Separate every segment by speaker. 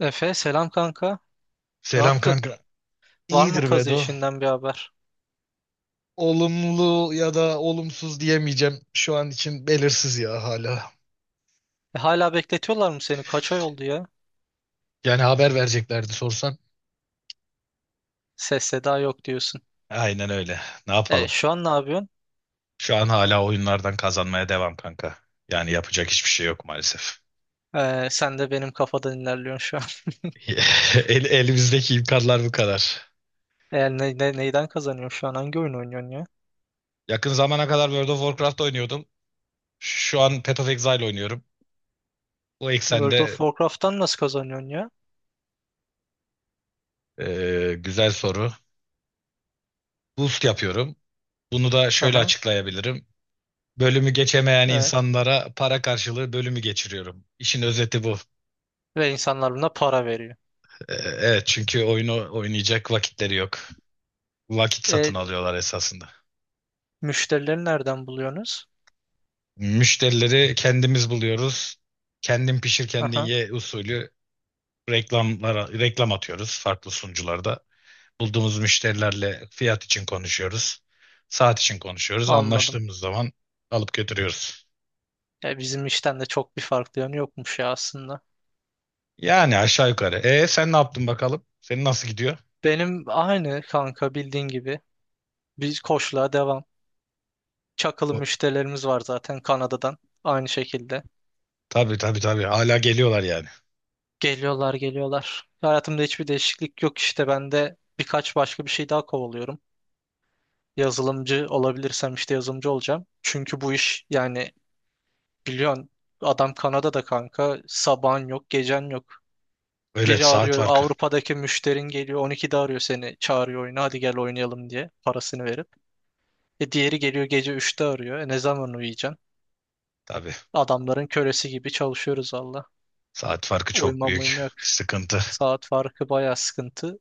Speaker 1: Efe selam kanka. Ne
Speaker 2: Selam
Speaker 1: yaptın?
Speaker 2: kanka.
Speaker 1: Var mı
Speaker 2: İyidir
Speaker 1: kazı
Speaker 2: Bedo.
Speaker 1: işinden bir haber?
Speaker 2: Olumlu ya da olumsuz diyemeyeceğim. Şu an için belirsiz ya hala.
Speaker 1: E, hala bekletiyorlar mı seni? Kaç ay oldu ya?
Speaker 2: Yani haber vereceklerdi sorsan.
Speaker 1: Ses seda yok diyorsun.
Speaker 2: Aynen öyle. Ne
Speaker 1: E,
Speaker 2: yapalım?
Speaker 1: şu an ne yapıyorsun?
Speaker 2: Şu an hala oyunlardan kazanmaya devam kanka. Yani yapacak hiçbir şey yok maalesef.
Speaker 1: E, sen de benim kafadan ilerliyorsun şu an.
Speaker 2: Elimizdeki imkanlar bu kadar.
Speaker 1: E, neyden kazanıyorsun şu an? Hangi oyun oynuyorsun ya?
Speaker 2: Yakın zamana kadar World of Warcraft oynuyordum. Şu an Path of Exile oynuyorum. Bu
Speaker 1: World of
Speaker 2: eksende.
Speaker 1: Warcraft'tan nasıl kazanıyorsun ya?
Speaker 2: Güzel soru. Boost yapıyorum. Bunu da şöyle
Speaker 1: Aha,
Speaker 2: açıklayabilirim. Bölümü geçemeyen
Speaker 1: evet.
Speaker 2: insanlara para karşılığı bölümü geçiriyorum. İşin özeti bu.
Speaker 1: Ve insanlar buna para veriyor.
Speaker 2: Evet, çünkü oyunu oynayacak vakitleri yok. Vakit satın
Speaker 1: E,
Speaker 2: alıyorlar esasında.
Speaker 1: müşterileri nereden buluyorsunuz?
Speaker 2: Müşterileri kendimiz buluyoruz. Kendin pişir kendin
Speaker 1: Aha,
Speaker 2: ye usulü reklamlara reklam atıyoruz farklı sunucularda. Bulduğumuz müşterilerle fiyat için konuşuyoruz. Saat için konuşuyoruz.
Speaker 1: anladım.
Speaker 2: Anlaştığımız zaman alıp götürüyoruz.
Speaker 1: E, bizim işten de çok bir farklı yanı yokmuş ya aslında.
Speaker 2: Yani aşağı yukarı. E, sen ne yaptın bakalım? Senin nasıl gidiyor?
Speaker 1: Benim aynı kanka bildiğin gibi. Biz koçluğa devam. Çakılı müşterilerimiz var zaten Kanada'dan. Aynı şekilde.
Speaker 2: Tabii, tabii, tabii. Hala geliyorlar yani.
Speaker 1: Geliyorlar geliyorlar. Hayatımda hiçbir değişiklik yok işte ben de birkaç başka bir şey daha kovalıyorum. Yazılımcı olabilirsem işte yazılımcı olacağım. Çünkü bu iş yani biliyorsun adam Kanada'da kanka sabahın yok gecen yok.
Speaker 2: Öyle
Speaker 1: Biri
Speaker 2: saat
Speaker 1: arıyor,
Speaker 2: farkı.
Speaker 1: Avrupa'daki müşterin geliyor 12'de arıyor, seni çağırıyor oyuna, hadi gel oynayalım diye parasını verip. E diğeri geliyor gece üçte arıyor, e ne zaman uyuyacaksın?
Speaker 2: Tabii.
Speaker 1: Adamların kölesi gibi çalışıyoruz valla.
Speaker 2: Saat farkı çok
Speaker 1: Uyumam
Speaker 2: büyük
Speaker 1: uyuma yok.
Speaker 2: sıkıntı.
Speaker 1: Saat farkı bayağı sıkıntı.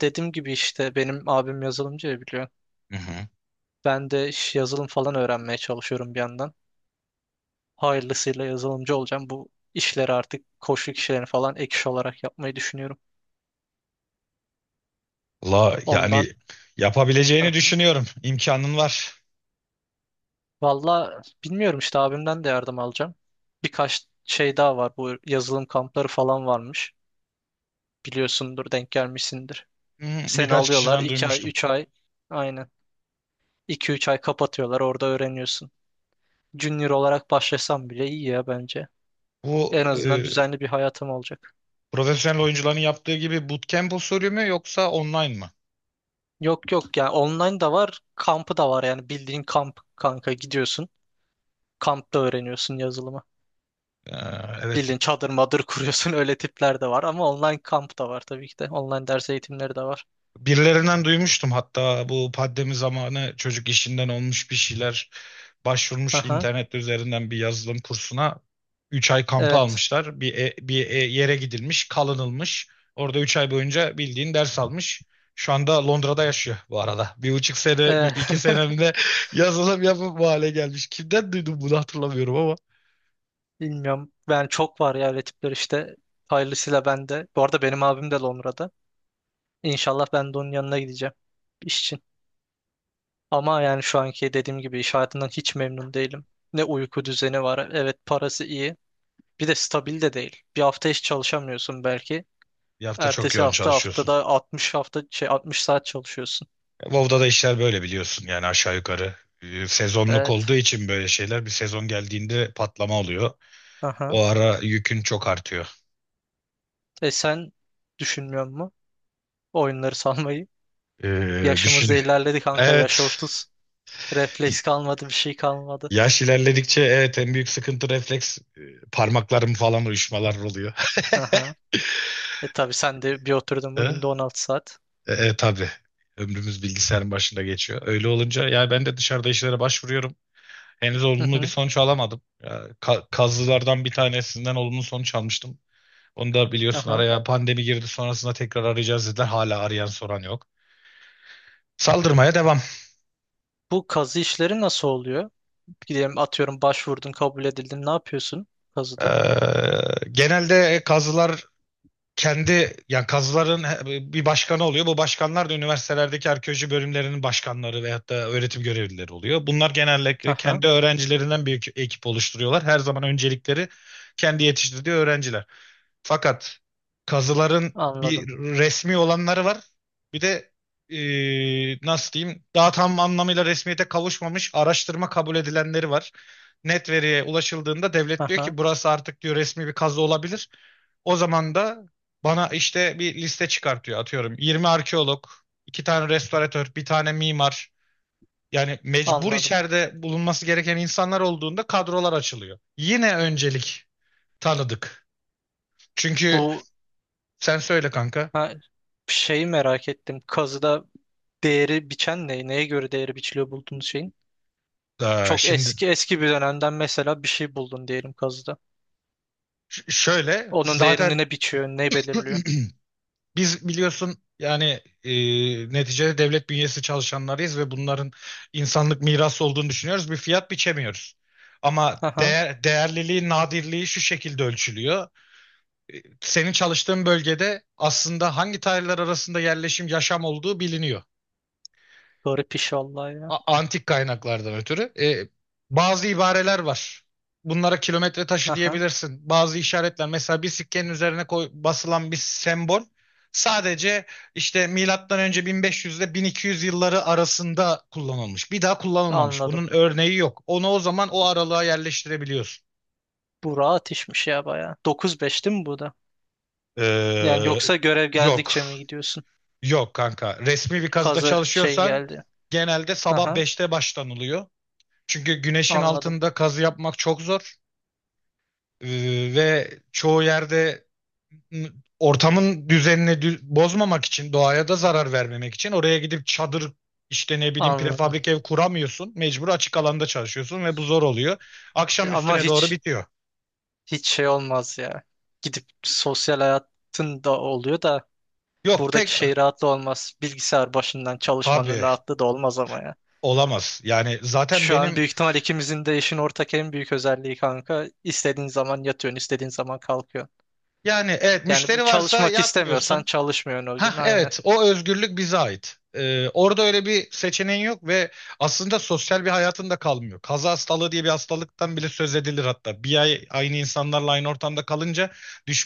Speaker 1: Dediğim gibi işte benim abim yazılımcı ya, biliyor.
Speaker 2: Hı hı.
Speaker 1: Ben de iş yazılım falan öğrenmeye çalışıyorum bir yandan. Hayırlısıyla yazılımcı olacağım. Bu işleri, artık koçluk işlerini falan, ek iş olarak yapmayı düşünüyorum.
Speaker 2: La yani
Speaker 1: Ondan.
Speaker 2: yapabileceğini
Speaker 1: Aha.
Speaker 2: düşünüyorum. İmkanın var.
Speaker 1: Valla bilmiyorum işte, abimden de yardım alacağım. Birkaç şey daha var. Bu yazılım kampları falan varmış. Biliyorsundur, denk gelmişsindir.
Speaker 2: Hı hı.
Speaker 1: Seni
Speaker 2: Birkaç
Speaker 1: alıyorlar
Speaker 2: kişiden
Speaker 1: 2 ay
Speaker 2: duymuştum.
Speaker 1: 3 ay, aynen iki üç ay kapatıyorlar, orada öğreniyorsun. Junior olarak başlasam bile iyi ya bence.
Speaker 2: Bu
Speaker 1: En azından düzenli bir hayatım olacak.
Speaker 2: profesyonel oyuncuların yaptığı gibi bootcamp usulü mü yoksa online mı?
Speaker 1: Yok yok, yani online da var, kampı da var, yani bildiğin kamp kanka, gidiyorsun. Kampta öğreniyorsun yazılımı.
Speaker 2: Ee, evet.
Speaker 1: Bildiğin çadır madır kuruyorsun öyle tipler de var, ama online kamp da var tabii ki de. Online ders eğitimleri de var.
Speaker 2: Birilerinden duymuştum hatta, bu pandemi zamanı çocuk işinden olmuş, bir şeyler başvurmuş
Speaker 1: Aha,
Speaker 2: internet üzerinden bir yazılım kursuna, 3 ay kampı
Speaker 1: evet.
Speaker 2: almışlar. Bir yere gidilmiş, kalınılmış. Orada 3 ay boyunca bildiğin ders almış. Şu anda Londra'da yaşıyor bu arada. 1,5 sene, iki
Speaker 1: Ee,
Speaker 2: senemde yazılım yapıp bu hale gelmiş. Kimden duydum bunu hatırlamıyorum ama.
Speaker 1: bilmiyorum. Ben, çok var ya öyle tipler işte. Hayırlısıyla ben de. Bu arada benim abim de Londra'da. İnşallah ben de onun yanına gideceğim iş için. Ama yani şu anki dediğim gibi, iş hayatından hiç memnun değilim. Ne uyku düzeni var. Evet, parası iyi. Bir de stabil de değil. Bir hafta hiç çalışamıyorsun belki.
Speaker 2: Bir hafta çok
Speaker 1: Ertesi
Speaker 2: yoğun
Speaker 1: hafta,
Speaker 2: çalışıyorsun.
Speaker 1: haftada 60 hafta şey 60 saat çalışıyorsun.
Speaker 2: WoW'da da işler böyle biliyorsun yani, aşağı yukarı. Sezonluk olduğu
Speaker 1: Evet.
Speaker 2: için böyle şeyler, bir sezon geldiğinde patlama oluyor.
Speaker 1: Aha.
Speaker 2: O ara yükün çok artıyor.
Speaker 1: E sen düşünmüyor musun oyunları salmayı?
Speaker 2: Düşün.
Speaker 1: Yaşımızda ilerledi kanka. Yaş
Speaker 2: Evet.
Speaker 1: 30. Refleks kalmadı, bir şey kalmadı.
Speaker 2: Yaş ilerledikçe evet en büyük sıkıntı refleks, parmaklarım falan uyuşmalar oluyor.
Speaker 1: Aha. E tabii, sen de bir oturdun mu
Speaker 2: E,
Speaker 1: günde 16 saat.
Speaker 2: tabii. Ömrümüz bilgisayarın başında geçiyor. Öyle olunca ya, ben de dışarıda işlere başvuruyorum. Henüz
Speaker 1: Hı
Speaker 2: olumlu bir
Speaker 1: hı.
Speaker 2: sonuç alamadım. Ya, kazılardan bir tanesinden olumlu sonuç almıştım. Onu da biliyorsun,
Speaker 1: Aha.
Speaker 2: araya pandemi girdi, sonrasında tekrar arayacağız dediler. Hala arayan soran yok. Saldırmaya devam.
Speaker 1: Bu kazı işleri nasıl oluyor? Gidelim, atıyorum başvurdun, kabul edildin, ne yapıyorsun kazıda?
Speaker 2: Ee, Genelde kazılar kendi yani kazıların bir başkanı oluyor. Bu başkanlar da üniversitelerdeki arkeoloji bölümlerinin başkanları veyahut da öğretim görevlileri oluyor. Bunlar genellikle
Speaker 1: Aha,
Speaker 2: kendi öğrencilerinden bir ekip oluşturuyorlar. Her zaman öncelikleri kendi yetiştirdiği öğrenciler. Fakat kazıların bir
Speaker 1: anladım.
Speaker 2: resmi olanları var. Bir de nasıl diyeyim, daha tam anlamıyla resmiyete kavuşmamış araştırma kabul edilenleri var. Net veriye ulaşıldığında devlet diyor
Speaker 1: Aha,
Speaker 2: ki burası artık diyor resmi bir kazı olabilir. O zaman da bana işte bir liste çıkartıyor atıyorum. 20 arkeolog, 2 tane restoratör, bir tane mimar. Yani mecbur
Speaker 1: anladım.
Speaker 2: içeride bulunması gereken insanlar olduğunda kadrolar açılıyor. Yine öncelik tanıdık. Çünkü
Speaker 1: Bu,
Speaker 2: sen söyle kanka.
Speaker 1: ha, şeyi merak ettim. Kazıda değeri biçen ne? Neye göre değeri biçiliyor bulduğunuz şeyin? Çok
Speaker 2: Şimdi
Speaker 1: eski eski bir dönemden mesela bir şey buldun diyelim kazıda.
Speaker 2: şöyle,
Speaker 1: Onun
Speaker 2: zaten
Speaker 1: değerini ne biçiyor? Ne belirliyor?
Speaker 2: biz biliyorsun yani, e, neticede devlet bünyesi çalışanlarıyız ve bunların insanlık mirası olduğunu düşünüyoruz. Bir fiyat biçemiyoruz. Ama
Speaker 1: Aha,
Speaker 2: değer, değerliliği, nadirliği şu şekilde ölçülüyor. E, Senin çalıştığın bölgede aslında hangi tarihler arasında yerleşim, yaşam olduğu biliniyor.
Speaker 1: garip iş vallahi ya.
Speaker 2: Antik kaynaklardan ötürü, bazı ibareler var. Bunlara kilometre taşı
Speaker 1: Aha,
Speaker 2: diyebilirsin. Bazı işaretler, mesela bir sikkenin üzerine koy, basılan bir sembol sadece işte milattan önce 1500 ile 1200 yılları arasında kullanılmış. Bir daha kullanılmamış.
Speaker 1: anladım.
Speaker 2: Bunun örneği yok. Onu o zaman o aralığa yerleştirebiliyorsun.
Speaker 1: Bu rahat işmiş ya bayağı. 9-5 değil mi bu da? Yani
Speaker 2: Ee,
Speaker 1: yoksa görev
Speaker 2: Yok.
Speaker 1: geldikçe mi gidiyorsun?
Speaker 2: Yok kanka. Resmi bir kazıda
Speaker 1: Kazı şey
Speaker 2: çalışıyorsan
Speaker 1: geldi.
Speaker 2: genelde sabah
Speaker 1: Aha,
Speaker 2: 5'te başlanılıyor. Çünkü güneşin
Speaker 1: anladım.
Speaker 2: altında kazı yapmak çok zor. Ee, Ve çoğu yerde, m, ortamın düzenini bozmamak için, doğaya da zarar vermemek için oraya gidip çadır, işte ne bileyim,
Speaker 1: Anladım.
Speaker 2: prefabrik ev kuramıyorsun. Mecbur açık alanda çalışıyorsun ve bu zor oluyor.
Speaker 1: Ya
Speaker 2: Akşam
Speaker 1: ama
Speaker 2: üstüne doğru
Speaker 1: hiç
Speaker 2: bitiyor.
Speaker 1: şey olmaz ya. Gidip sosyal hayatın da oluyor da,
Speaker 2: Yok, pek
Speaker 1: buradaki şey rahatlı olmaz. Bilgisayar başından çalışmanın
Speaker 2: tabii
Speaker 1: rahatlığı da olmaz ama ya.
Speaker 2: olamaz. Yani zaten
Speaker 1: Şu an
Speaker 2: benim,
Speaker 1: büyük ihtimal ikimizin de işin ortak en büyük özelliği kanka. İstediğin zaman yatıyorsun, istediğin zaman kalkıyorsun.
Speaker 2: yani evet,
Speaker 1: Yani
Speaker 2: müşteri varsa
Speaker 1: çalışmak istemiyorsan
Speaker 2: yapmıyorsun.
Speaker 1: çalışmıyorsun o
Speaker 2: Ha,
Speaker 1: gün, aynı.
Speaker 2: evet, o özgürlük bize ait. Orada öyle bir seçeneğin yok ve aslında sosyal bir hayatın da kalmıyor. Kaza hastalığı diye bir hastalıktan bile söz edilir hatta. Bir ay aynı insanlarla aynı ortamda kalınca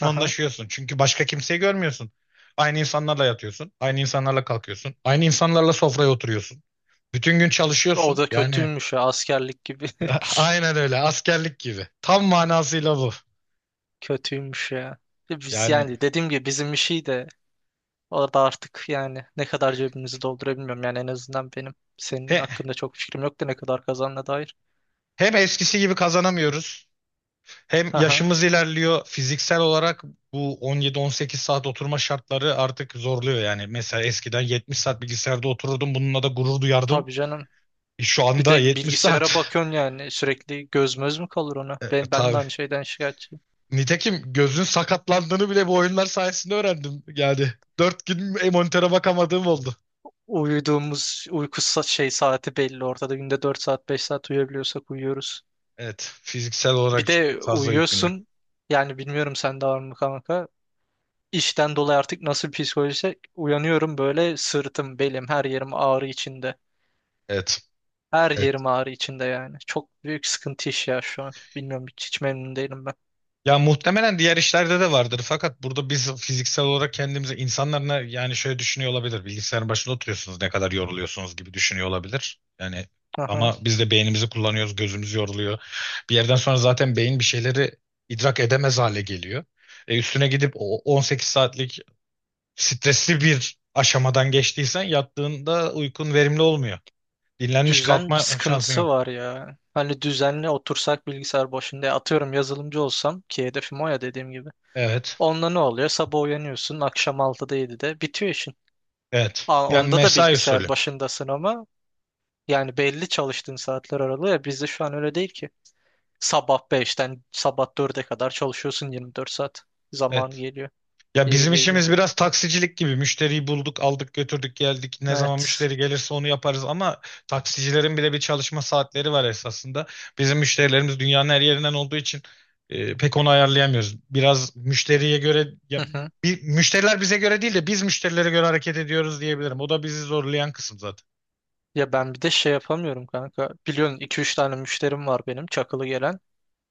Speaker 1: Aha.
Speaker 2: Çünkü başka kimseyi görmüyorsun. Aynı insanlarla yatıyorsun, aynı insanlarla kalkıyorsun, aynı insanlarla sofraya oturuyorsun. Bütün gün
Speaker 1: O
Speaker 2: çalışıyorsun.
Speaker 1: da
Speaker 2: Yani
Speaker 1: kötüymüş ya, askerlik gibi.
Speaker 2: aynen öyle, askerlik gibi. Tam manasıyla bu.
Speaker 1: Kötüymüş ya. Biz
Speaker 2: Yani
Speaker 1: yani dediğim gibi bizim işi de, orada artık yani ne kadar cebimizi doldurabilmiyorum. Yani en azından benim senin
Speaker 2: he-
Speaker 1: hakkında çok fikrim yok da, ne kadar kazandığına dair.
Speaker 2: hem eskisi gibi kazanamıyoruz. Hem
Speaker 1: Aha.
Speaker 2: yaşımız ilerliyor, fiziksel olarak bu 17-18 saat oturma şartları artık zorluyor yani. Mesela eskiden 70 saat bilgisayarda otururdum, bununla da gurur duyardım.
Speaker 1: Tabii canım.
Speaker 2: Şu
Speaker 1: Bir
Speaker 2: anda
Speaker 1: de
Speaker 2: 70
Speaker 1: bilgisayara
Speaker 2: saat.
Speaker 1: bakıyorsun yani sürekli, göz möz mü kalır ona?
Speaker 2: E,
Speaker 1: Ben de
Speaker 2: tabii.
Speaker 1: aynı şeyden şikayetçiyim.
Speaker 2: Nitekim gözün sakatlandığını bile bu oyunlar sayesinde öğrendim. Yani dört gün monitöre bakamadığım oldu.
Speaker 1: Uyuduğumuz uyku şey saati belli ortada. Günde 4 saat 5 saat uyuyabiliyorsak uyuyoruz.
Speaker 2: Evet, fiziksel
Speaker 1: Bir
Speaker 2: olarak çok
Speaker 1: de
Speaker 2: fazla yük biniyor.
Speaker 1: uyuyorsun, yani bilmiyorum sen de var mı kanka. İşten dolayı artık nasıl bir psikolojiyse, uyanıyorum böyle sırtım, belim, her yerim ağrı içinde.
Speaker 2: Evet.
Speaker 1: Her yerim ağrı içinde yani. Çok büyük sıkıntı iş ya şu an. Bilmiyorum, hiç memnun değilim ben.
Speaker 2: Ya, muhtemelen diğer işlerde de vardır. Fakat burada biz fiziksel olarak kendimize insanlar yani şöyle düşünüyor olabilir. Bilgisayarın başında oturuyorsunuz, ne kadar yoruluyorsunuz gibi düşünüyor olabilir. Yani
Speaker 1: Aha.
Speaker 2: ama biz de beynimizi kullanıyoruz, gözümüz yoruluyor. Bir yerden sonra zaten beyin bir şeyleri idrak edemez hale geliyor. E, üstüne gidip o 18 saatlik stresli bir aşamadan geçtiysen yattığında uykun verimli olmuyor. Dinlenmiş
Speaker 1: Düzen
Speaker 2: kalkma şansın
Speaker 1: sıkıntısı
Speaker 2: yok.
Speaker 1: var ya. Hani düzenli otursak bilgisayar başında, atıyorum yazılımcı olsam, ki hedefim o ya dediğim gibi.
Speaker 2: Evet.
Speaker 1: Onda ne oluyor? Sabah uyanıyorsun, akşam 6'da 7'de bitiyor işin.
Speaker 2: Evet.
Speaker 1: Aa,
Speaker 2: Yani
Speaker 1: onda da
Speaker 2: mesai
Speaker 1: bilgisayar
Speaker 2: usulü.
Speaker 1: başındasın ama yani belli çalıştığın saatler aralığı, ya bizde şu an öyle değil ki. Sabah beşten sabah 4'e kadar çalışıyorsun, 24 saat. Zaman
Speaker 2: Evet.
Speaker 1: geliyor.
Speaker 2: Ya,
Speaker 1: Geri
Speaker 2: bizim
Speaker 1: geliyor.
Speaker 2: işimiz biraz taksicilik gibi. Müşteriyi bulduk, aldık, götürdük, geldik. Ne zaman
Speaker 1: Evet.
Speaker 2: müşteri gelirse onu yaparız ama taksicilerin bile bir çalışma saatleri var esasında. Bizim müşterilerimiz dünyanın her yerinden olduğu için pek onu ayarlayamıyoruz. Biraz müşteriye göre ya, müşteriler bize göre değil de biz müşterilere göre hareket ediyoruz diyebilirim. O da bizi zorlayan kısım zaten.
Speaker 1: Ya ben bir de şey yapamıyorum kanka. Biliyorsun iki üç tane müşterim var benim, çakılı gelen.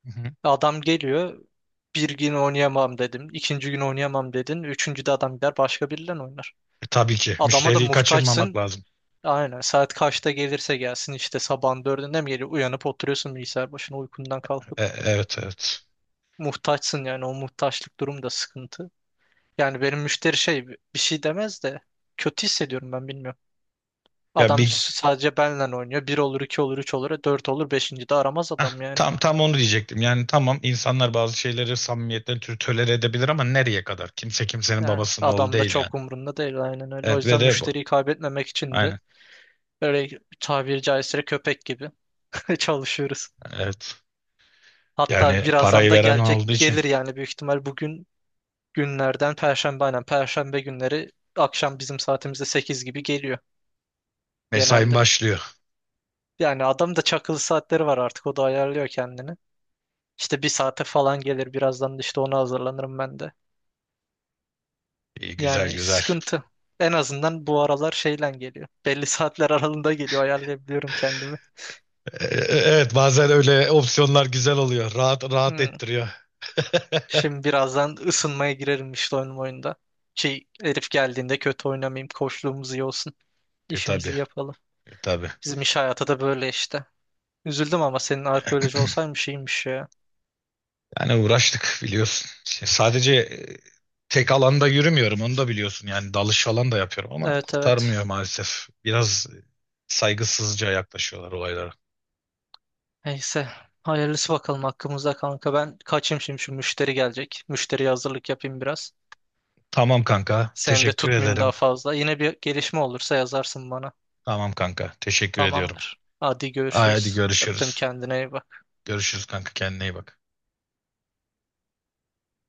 Speaker 2: Hı hı.
Speaker 1: Adam geliyor. Bir gün oynayamam dedim, ikinci gün oynayamam dedin, üçüncü de adam gider başka biriyle oynar.
Speaker 2: Tabii ki
Speaker 1: Adama da
Speaker 2: müşteriyi kaçırmamak
Speaker 1: muhtaçsın.
Speaker 2: lazım.
Speaker 1: Aynen, saat kaçta gelirse gelsin, işte sabahın dördünde mi geliyor? Uyanıp oturuyorsun bilgisayar başına, uykundan kalkıp.
Speaker 2: Evet, evet.
Speaker 1: Muhtaçsın yani, o muhtaçlık durum da sıkıntı. Yani benim müşteri şey bir şey demez de, kötü hissediyorum ben bilmiyorum.
Speaker 2: Ya
Speaker 1: Adam
Speaker 2: bir
Speaker 1: sadece benle oynuyor. Bir olur, iki olur, üç olur, dört olur, beşinci de aramaz adam yani.
Speaker 2: Tam tam onu diyecektim. Yani tamam, insanlar bazı şeyleri, samimiyetleri tölere edebilir ama nereye kadar? Kimse kimsenin
Speaker 1: Yani
Speaker 2: babasının oğlu
Speaker 1: adam da
Speaker 2: değil yani.
Speaker 1: çok umrunda değil, aynen öyle. O
Speaker 2: Evet, ve
Speaker 1: yüzden
Speaker 2: de bu.
Speaker 1: müşteriyi kaybetmemek için de
Speaker 2: Aynen.
Speaker 1: böyle tabiri caizse köpek gibi çalışıyoruz.
Speaker 2: Evet.
Speaker 1: Hatta
Speaker 2: Yani
Speaker 1: birazdan
Speaker 2: parayı
Speaker 1: da
Speaker 2: veren
Speaker 1: gelecek,
Speaker 2: olduğu için
Speaker 1: gelir yani büyük ihtimal bugün, günlerden Perşembe, aynen Perşembe günleri akşam bizim saatimizde 8 gibi geliyor
Speaker 2: mesain
Speaker 1: genelde.
Speaker 2: başlıyor.
Speaker 1: Yani adam da çakılı saatleri var artık, o da ayarlıyor kendini. İşte bir saate falan gelir birazdan, da işte ona hazırlanırım ben de.
Speaker 2: İyi, güzel
Speaker 1: Yani
Speaker 2: güzel.
Speaker 1: sıkıntı. En azından bu aralar şeyle geliyor. Belli saatler aralığında geliyor, ayarlayabiliyorum kendimi.
Speaker 2: Ee, evet, bazen öyle opsiyonlar güzel oluyor. Rahat rahat
Speaker 1: Hmm.
Speaker 2: ettiriyor.
Speaker 1: Şimdi birazdan ısınmaya girerim işte oyun oyunda. Şey, herif geldiğinde kötü oynamayayım. Koçluğumuz iyi olsun.
Speaker 2: Tabii.
Speaker 1: İşimizi yapalım.
Speaker 2: Tabii.
Speaker 1: Bizim iş hayatı da böyle işte. Üzüldüm ama senin arkeoloji olsaymış iyiymiş ya.
Speaker 2: Yani uğraştık biliyorsun. İşte sadece, tek alanda yürümüyorum, onu da biliyorsun. Yani dalış falan da yapıyorum ama
Speaker 1: Evet, evet.
Speaker 2: kurtarmıyor maalesef. Biraz saygısızca yaklaşıyorlar olaylara.
Speaker 1: Neyse. Hayırlısı bakalım hakkımızda kanka. Ben kaçayım şimdi, şu müşteri gelecek. Müşteriye hazırlık yapayım biraz.
Speaker 2: Tamam kanka,
Speaker 1: Seni de
Speaker 2: teşekkür
Speaker 1: tutmayayım daha
Speaker 2: ederim.
Speaker 1: fazla. Yine bir gelişme olursa yazarsın bana.
Speaker 2: Tamam kanka, teşekkür ediyorum.
Speaker 1: Tamamdır. Hadi
Speaker 2: Ay, hadi
Speaker 1: görüşürüz. Öptüm,
Speaker 2: görüşürüz.
Speaker 1: kendine iyi bak.
Speaker 2: Görüşürüz kanka, kendine iyi bak.